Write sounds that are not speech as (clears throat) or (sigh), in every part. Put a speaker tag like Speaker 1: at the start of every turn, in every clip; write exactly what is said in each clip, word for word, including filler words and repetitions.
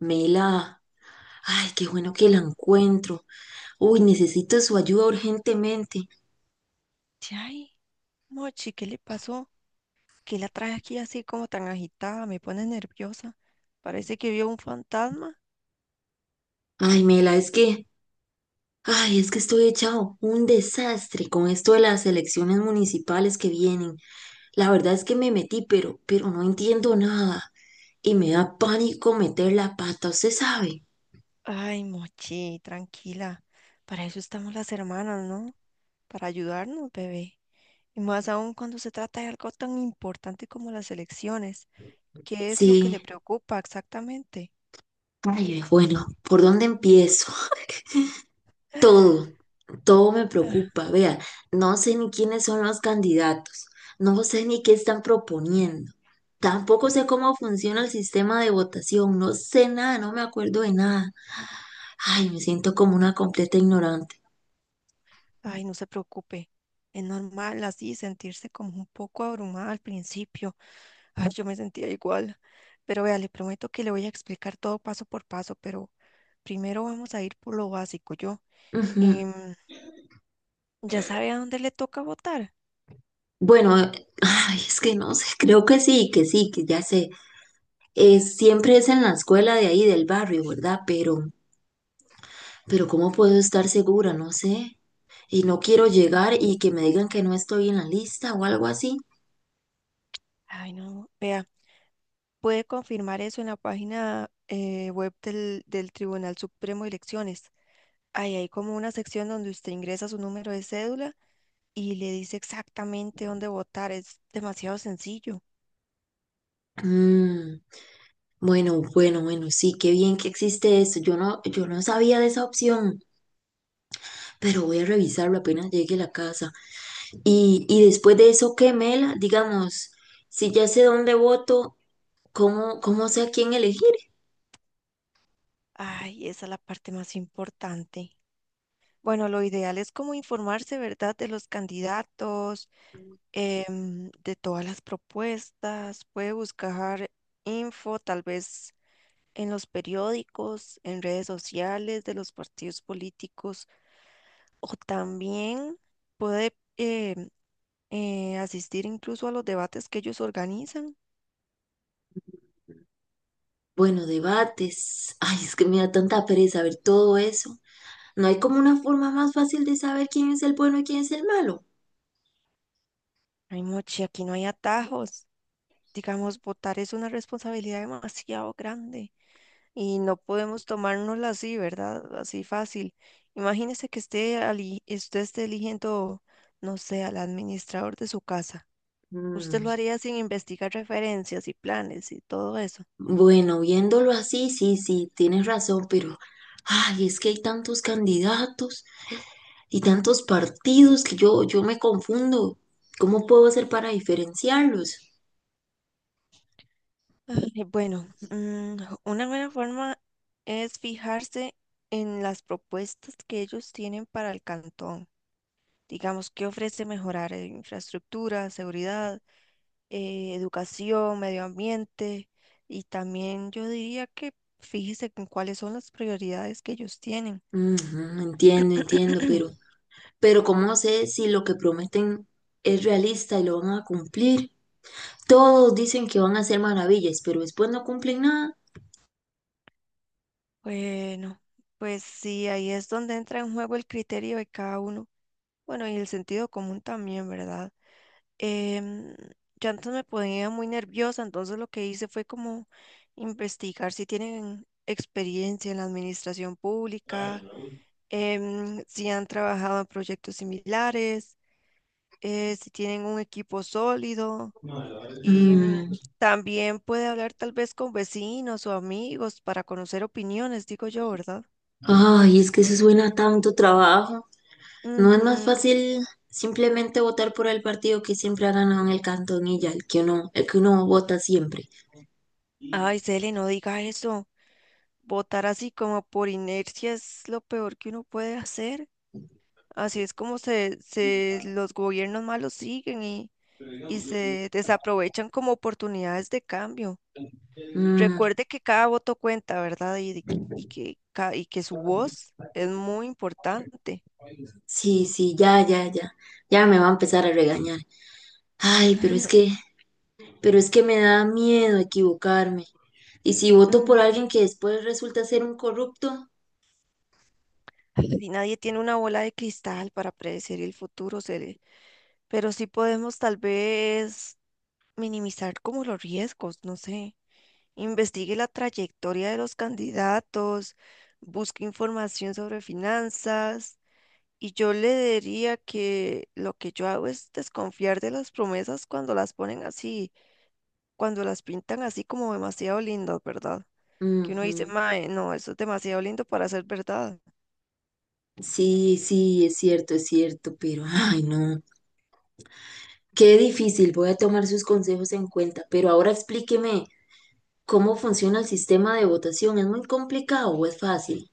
Speaker 1: Mela, ay, qué bueno que la
Speaker 2: Ajá.
Speaker 1: encuentro. Uy, necesito su ayuda urgentemente.
Speaker 2: Sí, Ay, Mochi, ¿qué le pasó? ¿Qué la trae aquí así como tan agitada? Me pone nerviosa. Parece que vio un fantasma.
Speaker 1: Ay, Mela, es que, ay, es que estoy echado un desastre con esto de las elecciones municipales que vienen. La verdad es que me metí, pero, pero no entiendo nada y me da pánico meter la pata, ¿usted sabe?
Speaker 2: Ay, Mochi, tranquila. Para eso estamos las hermanas, ¿no? Para ayudarnos, bebé. Y más aún cuando se trata de algo tan importante como las elecciones. ¿Qué es lo que le
Speaker 1: Sí,
Speaker 2: preocupa exactamente?
Speaker 1: ay, bueno, ¿por dónde empiezo? Todo, todo me preocupa. Vea, no sé ni quiénes son los candidatos, no sé ni qué están proponiendo, tampoco sé cómo funciona el sistema de votación, no sé nada, no me acuerdo de nada. Ay, me siento como una completa ignorante.
Speaker 2: Ay, no se preocupe. Es normal así sentirse como un poco abrumada al principio. Ay, yo me sentía igual. Pero vea, le prometo que le voy a explicar todo paso por paso, pero primero vamos a ir por lo básico, yo.
Speaker 1: Ujú.
Speaker 2: Em, ¿ya sabe a dónde le toca votar?
Speaker 1: Bueno, ay, es que no sé, creo que sí, que sí, que ya sé. Es siempre es en la escuela de ahí del barrio, ¿verdad? Pero, pero ¿cómo puedo estar segura? No sé. Y no quiero llegar
Speaker 2: Mm.
Speaker 1: y que me digan que no estoy en la lista o algo así.
Speaker 2: Ay, no, vea, puede confirmar eso en la página eh, web del, del Tribunal Supremo de Elecciones. Ahí hay como una sección donde usted ingresa su número de cédula y le dice exactamente dónde votar. Es demasiado sencillo.
Speaker 1: Mm, bueno, bueno, bueno, sí, qué bien que existe eso. Yo no, yo no sabía de esa opción, pero voy a revisarlo apenas llegue a la casa. Y, y después de eso, ¿qué, Mela? Digamos, si ya sé dónde voto, ¿cómo, cómo sé a quién elegir?
Speaker 2: Ay, esa es la parte más importante. Bueno, lo ideal es como informarse, ¿verdad?, de los candidatos, em, de todas las propuestas. Puede buscar info, tal vez en los periódicos, en redes sociales de los partidos políticos, o también puede em, eh, asistir incluso a los debates que ellos organizan.
Speaker 1: Bueno, debates. Ay, es que me da tanta pereza ver todo eso. ¿No hay como una forma más fácil de saber quién es el bueno y quién es el malo?
Speaker 2: Ay, Mochi, aquí no hay atajos. Digamos, votar es una responsabilidad demasiado grande y no podemos tomárnosla así, ¿verdad? Así fácil. Imagínese que esté ali- usted esté eligiendo, no sé, al administrador de su casa. Usted
Speaker 1: Mm,
Speaker 2: lo haría sin investigar referencias y planes y todo eso.
Speaker 1: bueno, viéndolo así, sí, sí, tienes razón, pero... Ay, es que hay tantos candidatos. Y tantos partidos que yo, yo me confundo. ¿Cómo puedo hacer para diferenciarlos?
Speaker 2: Ay, bueno, mm, una buena forma es fijarse en las propuestas que ellos tienen para el cantón. Digamos, ¿qué ofrece mejorar? eh, Infraestructura, seguridad, eh, educación, medio ambiente y también yo diría que fíjese en cuáles son las prioridades que ellos tienen.
Speaker 1: Ujú, entiendo, entiendo, pero,
Speaker 2: (clears throat)
Speaker 1: pero ¿cómo sé si lo que prometen es realista y lo van a cumplir? Todos dicen que van a hacer maravillas, pero después no cumplen nada.
Speaker 2: Bueno, pues sí, ahí es donde entra en juego el criterio de cada uno. Bueno, y el sentido común también, ¿verdad? Em, yo antes me ponía muy nerviosa, entonces lo que hice fue como investigar si tienen experiencia en la administración pública, em, si han trabajado en proyectos similares eh, si tienen un equipo sólido y mm,
Speaker 1: Mm,
Speaker 2: también puede hablar tal vez con vecinos o amigos para conocer opiniones, digo yo, ¿verdad?
Speaker 1: ay, es que eso suena a tanto trabajo. ¿No es más
Speaker 2: Ujú.
Speaker 1: fácil simplemente votar por el partido que siempre ha ganado en el cantón y ya, el que uno, el que uno vota siempre?
Speaker 2: Ay, Cele, no diga eso. Votar así como por inercia es lo peor que uno puede hacer. Así es como se, se los gobiernos malos siguen y, y se desaprovechan como oportunidades de cambio.
Speaker 1: Mm,
Speaker 2: Recuerde que cada voto cuenta, ¿verdad? Y, de- y que, ca- y que su voz es muy importante.
Speaker 1: sí, sí, ya, ya, ya. Ya me va a empezar a regañar. Ay, pero es
Speaker 2: (laughs)
Speaker 1: que, pero es que me da miedo equivocarme. Y si voto por
Speaker 2: Mm,
Speaker 1: alguien que después resulta ser un corrupto.
Speaker 2: Si nadie tiene una bola de cristal para predecir el futuro, seré- pero sí podemos tal vez minimizar como los riesgos, no sé. Investigue la trayectoria de los candidatos, busque información sobre finanzas y yo le diría que lo que yo hago es desconfiar de las promesas cuando las ponen así, cuando las pintan así como demasiado lindas, ¿verdad? Que uno dice,
Speaker 1: Ujú.
Speaker 2: mae, no, eso es demasiado lindo para ser verdad.
Speaker 1: Sí, sí, es cierto, es cierto, pero ay, no. Qué difícil, voy a tomar sus consejos en cuenta, pero ahora explíqueme cómo funciona el sistema de votación. ¿Es muy complicado o es fácil?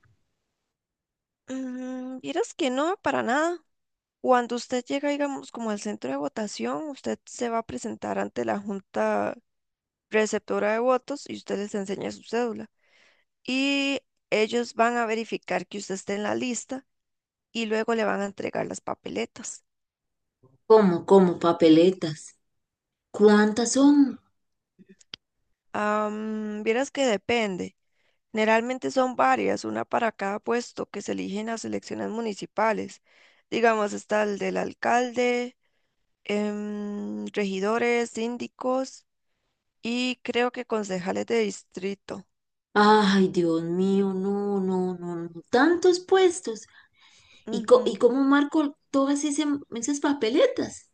Speaker 2: Mm, vieras que no, para nada. Cuando usted llega, digamos, como al centro de votación, usted se va a presentar ante la junta receptora de votos y usted les enseña su cédula. Y ellos van a verificar que usted esté en la lista y luego le van a entregar las papeletas.
Speaker 1: ¿Cómo, cómo, papeletas? ¿Cuántas son?
Speaker 2: Am, vieras que depende. Generalmente son varias, una para cada puesto que se elige en las elecciones municipales. Digamos, está el del alcalde, em, regidores, síndicos y creo que concejales de distrito.
Speaker 1: Ay, Dios mío, no, no, no, no, tantos puestos. ¿Y, co- y
Speaker 2: Ujú.
Speaker 1: cómo marco todas ese- esas papeletas?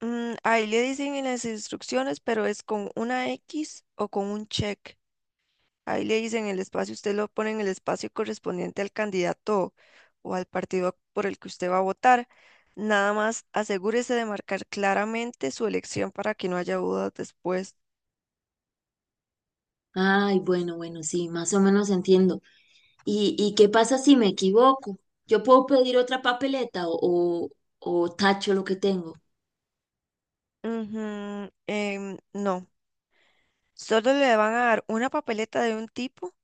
Speaker 2: Mm, ahí le dicen en las instrucciones, pero es con una X o con un check. Ahí le dicen el espacio, usted lo pone en el espacio correspondiente al candidato o al partido por el que usted va a votar. Nada más asegúrese de marcar claramente su elección para que no haya dudas después.
Speaker 1: Ay, bueno, bueno, sí, más o menos entiendo. ¿Y, y qué pasa si me equivoco? ¿Yo puedo pedir otra papeleta o, o, o tacho lo que tengo?
Speaker 2: Ujú, em, no, solo le van a dar una papeleta de un tipo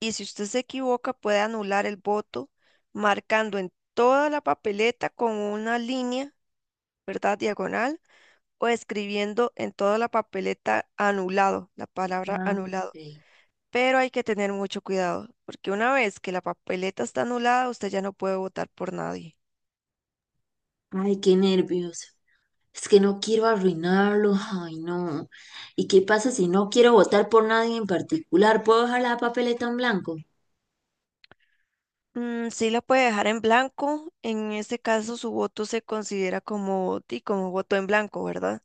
Speaker 2: y si usted se equivoca puede anular el voto marcando en toda la papeleta con una línea, ¿verdad? Diagonal o escribiendo en toda la papeleta anulado, la palabra
Speaker 1: Ah,
Speaker 2: anulado.
Speaker 1: ok.
Speaker 2: Pero hay que tener mucho cuidado porque una vez que la papeleta está anulada, usted ya no puede votar por nadie.
Speaker 1: Ay, qué nervios. Es que no quiero arruinarlo. Ay, no. ¿Y qué pasa si no quiero votar por nadie en particular? ¿Puedo dejar la papeleta en blanco?
Speaker 2: Mm, sí la puede dejar en blanco, en ese caso su voto se considera como, di, como voto en blanco, ¿verdad?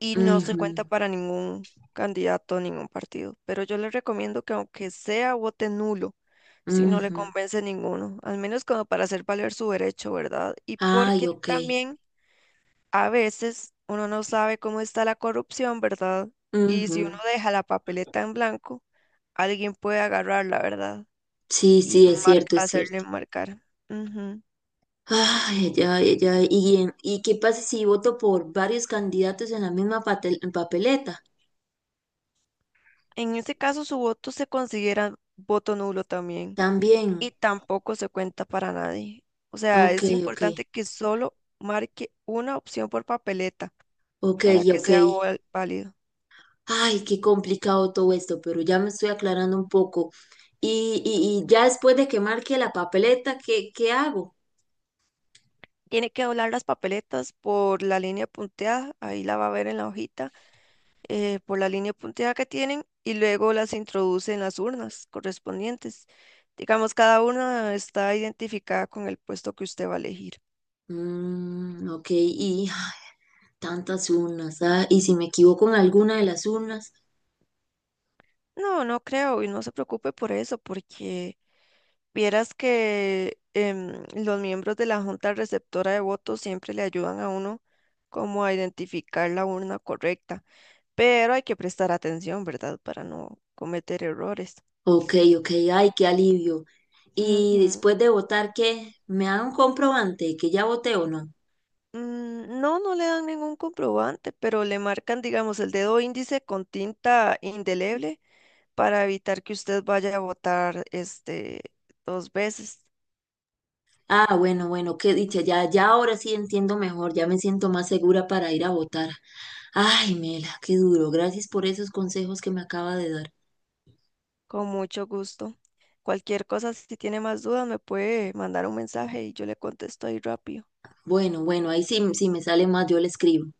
Speaker 2: Y no se cuenta
Speaker 1: Ujú,
Speaker 2: para ningún candidato, ningún partido. Pero yo le recomiendo que aunque sea vote nulo, si no le
Speaker 1: ujú.
Speaker 2: convence ninguno, al menos como para hacer valer su derecho, ¿verdad? Y
Speaker 1: Ay,
Speaker 2: porque
Speaker 1: ok.
Speaker 2: también a veces uno no sabe cómo está la corrupción, ¿verdad? Y si uno
Speaker 1: Ujú.
Speaker 2: deja la papeleta en blanco, alguien puede agarrarla, ¿verdad?
Speaker 1: Sí,
Speaker 2: Y
Speaker 1: sí, es
Speaker 2: mar-
Speaker 1: cierto, es
Speaker 2: hacerle
Speaker 1: cierto.
Speaker 2: marcar. Ujú.
Speaker 1: Ay, ya, ya. ¿Y, en- y qué pasa si voto por varios candidatos en la misma patel- papeleta?
Speaker 2: En ese caso, su voto se considera voto nulo también.
Speaker 1: También.
Speaker 2: Y tampoco se cuenta para nadie. O sea,
Speaker 1: Ok,
Speaker 2: es
Speaker 1: ok.
Speaker 2: importante que solo marque una opción por papeleta
Speaker 1: Ok,
Speaker 2: para que
Speaker 1: ok.
Speaker 2: sea val- válido.
Speaker 1: Ay, qué complicado todo esto, pero ya me estoy aclarando un poco. Y, y, y ya después de que marque la papeleta, ¿qué, qué hago?
Speaker 2: Tiene que doblar las papeletas por la línea punteada, ahí la va a ver en la hojita, eh, por la línea punteada que tienen y luego las introduce en las urnas correspondientes. Digamos, cada una está identificada con el puesto que usted va a elegir.
Speaker 1: Mm, ok, y (sighs) tantas urnas. Ah, ¿y si me equivoco en alguna de las urnas?
Speaker 2: No, no creo y no se preocupe por eso, porque vieras que em, los miembros de la junta receptora de votos siempre le ayudan a uno como a identificar la urna correcta, pero hay que prestar atención, ¿verdad? Para no cometer errores.
Speaker 1: Ok, ok, ay, qué alivio. Y
Speaker 2: Ujú.
Speaker 1: después de votar, ¿qué? ¿Me dan un comprobante que ya voté o no?
Speaker 2: Mm, no, no le dan ningún comprobante, pero le marcan, digamos, el dedo índice con tinta indeleble para evitar que usted vaya a votar este dos veces.
Speaker 1: Ah, bueno, bueno, qué dicha, ya, ya ahora sí entiendo mejor, ya me siento más segura para ir a votar. Ay, Mela, qué duro, gracias por esos consejos que me acaba de dar.
Speaker 2: Con mucho gusto. Cualquier cosa, si tiene más dudas, me puede mandar un mensaje y yo le contesto ahí rápido.
Speaker 1: Bueno, bueno, ahí sí, sí me sale más, yo le escribo.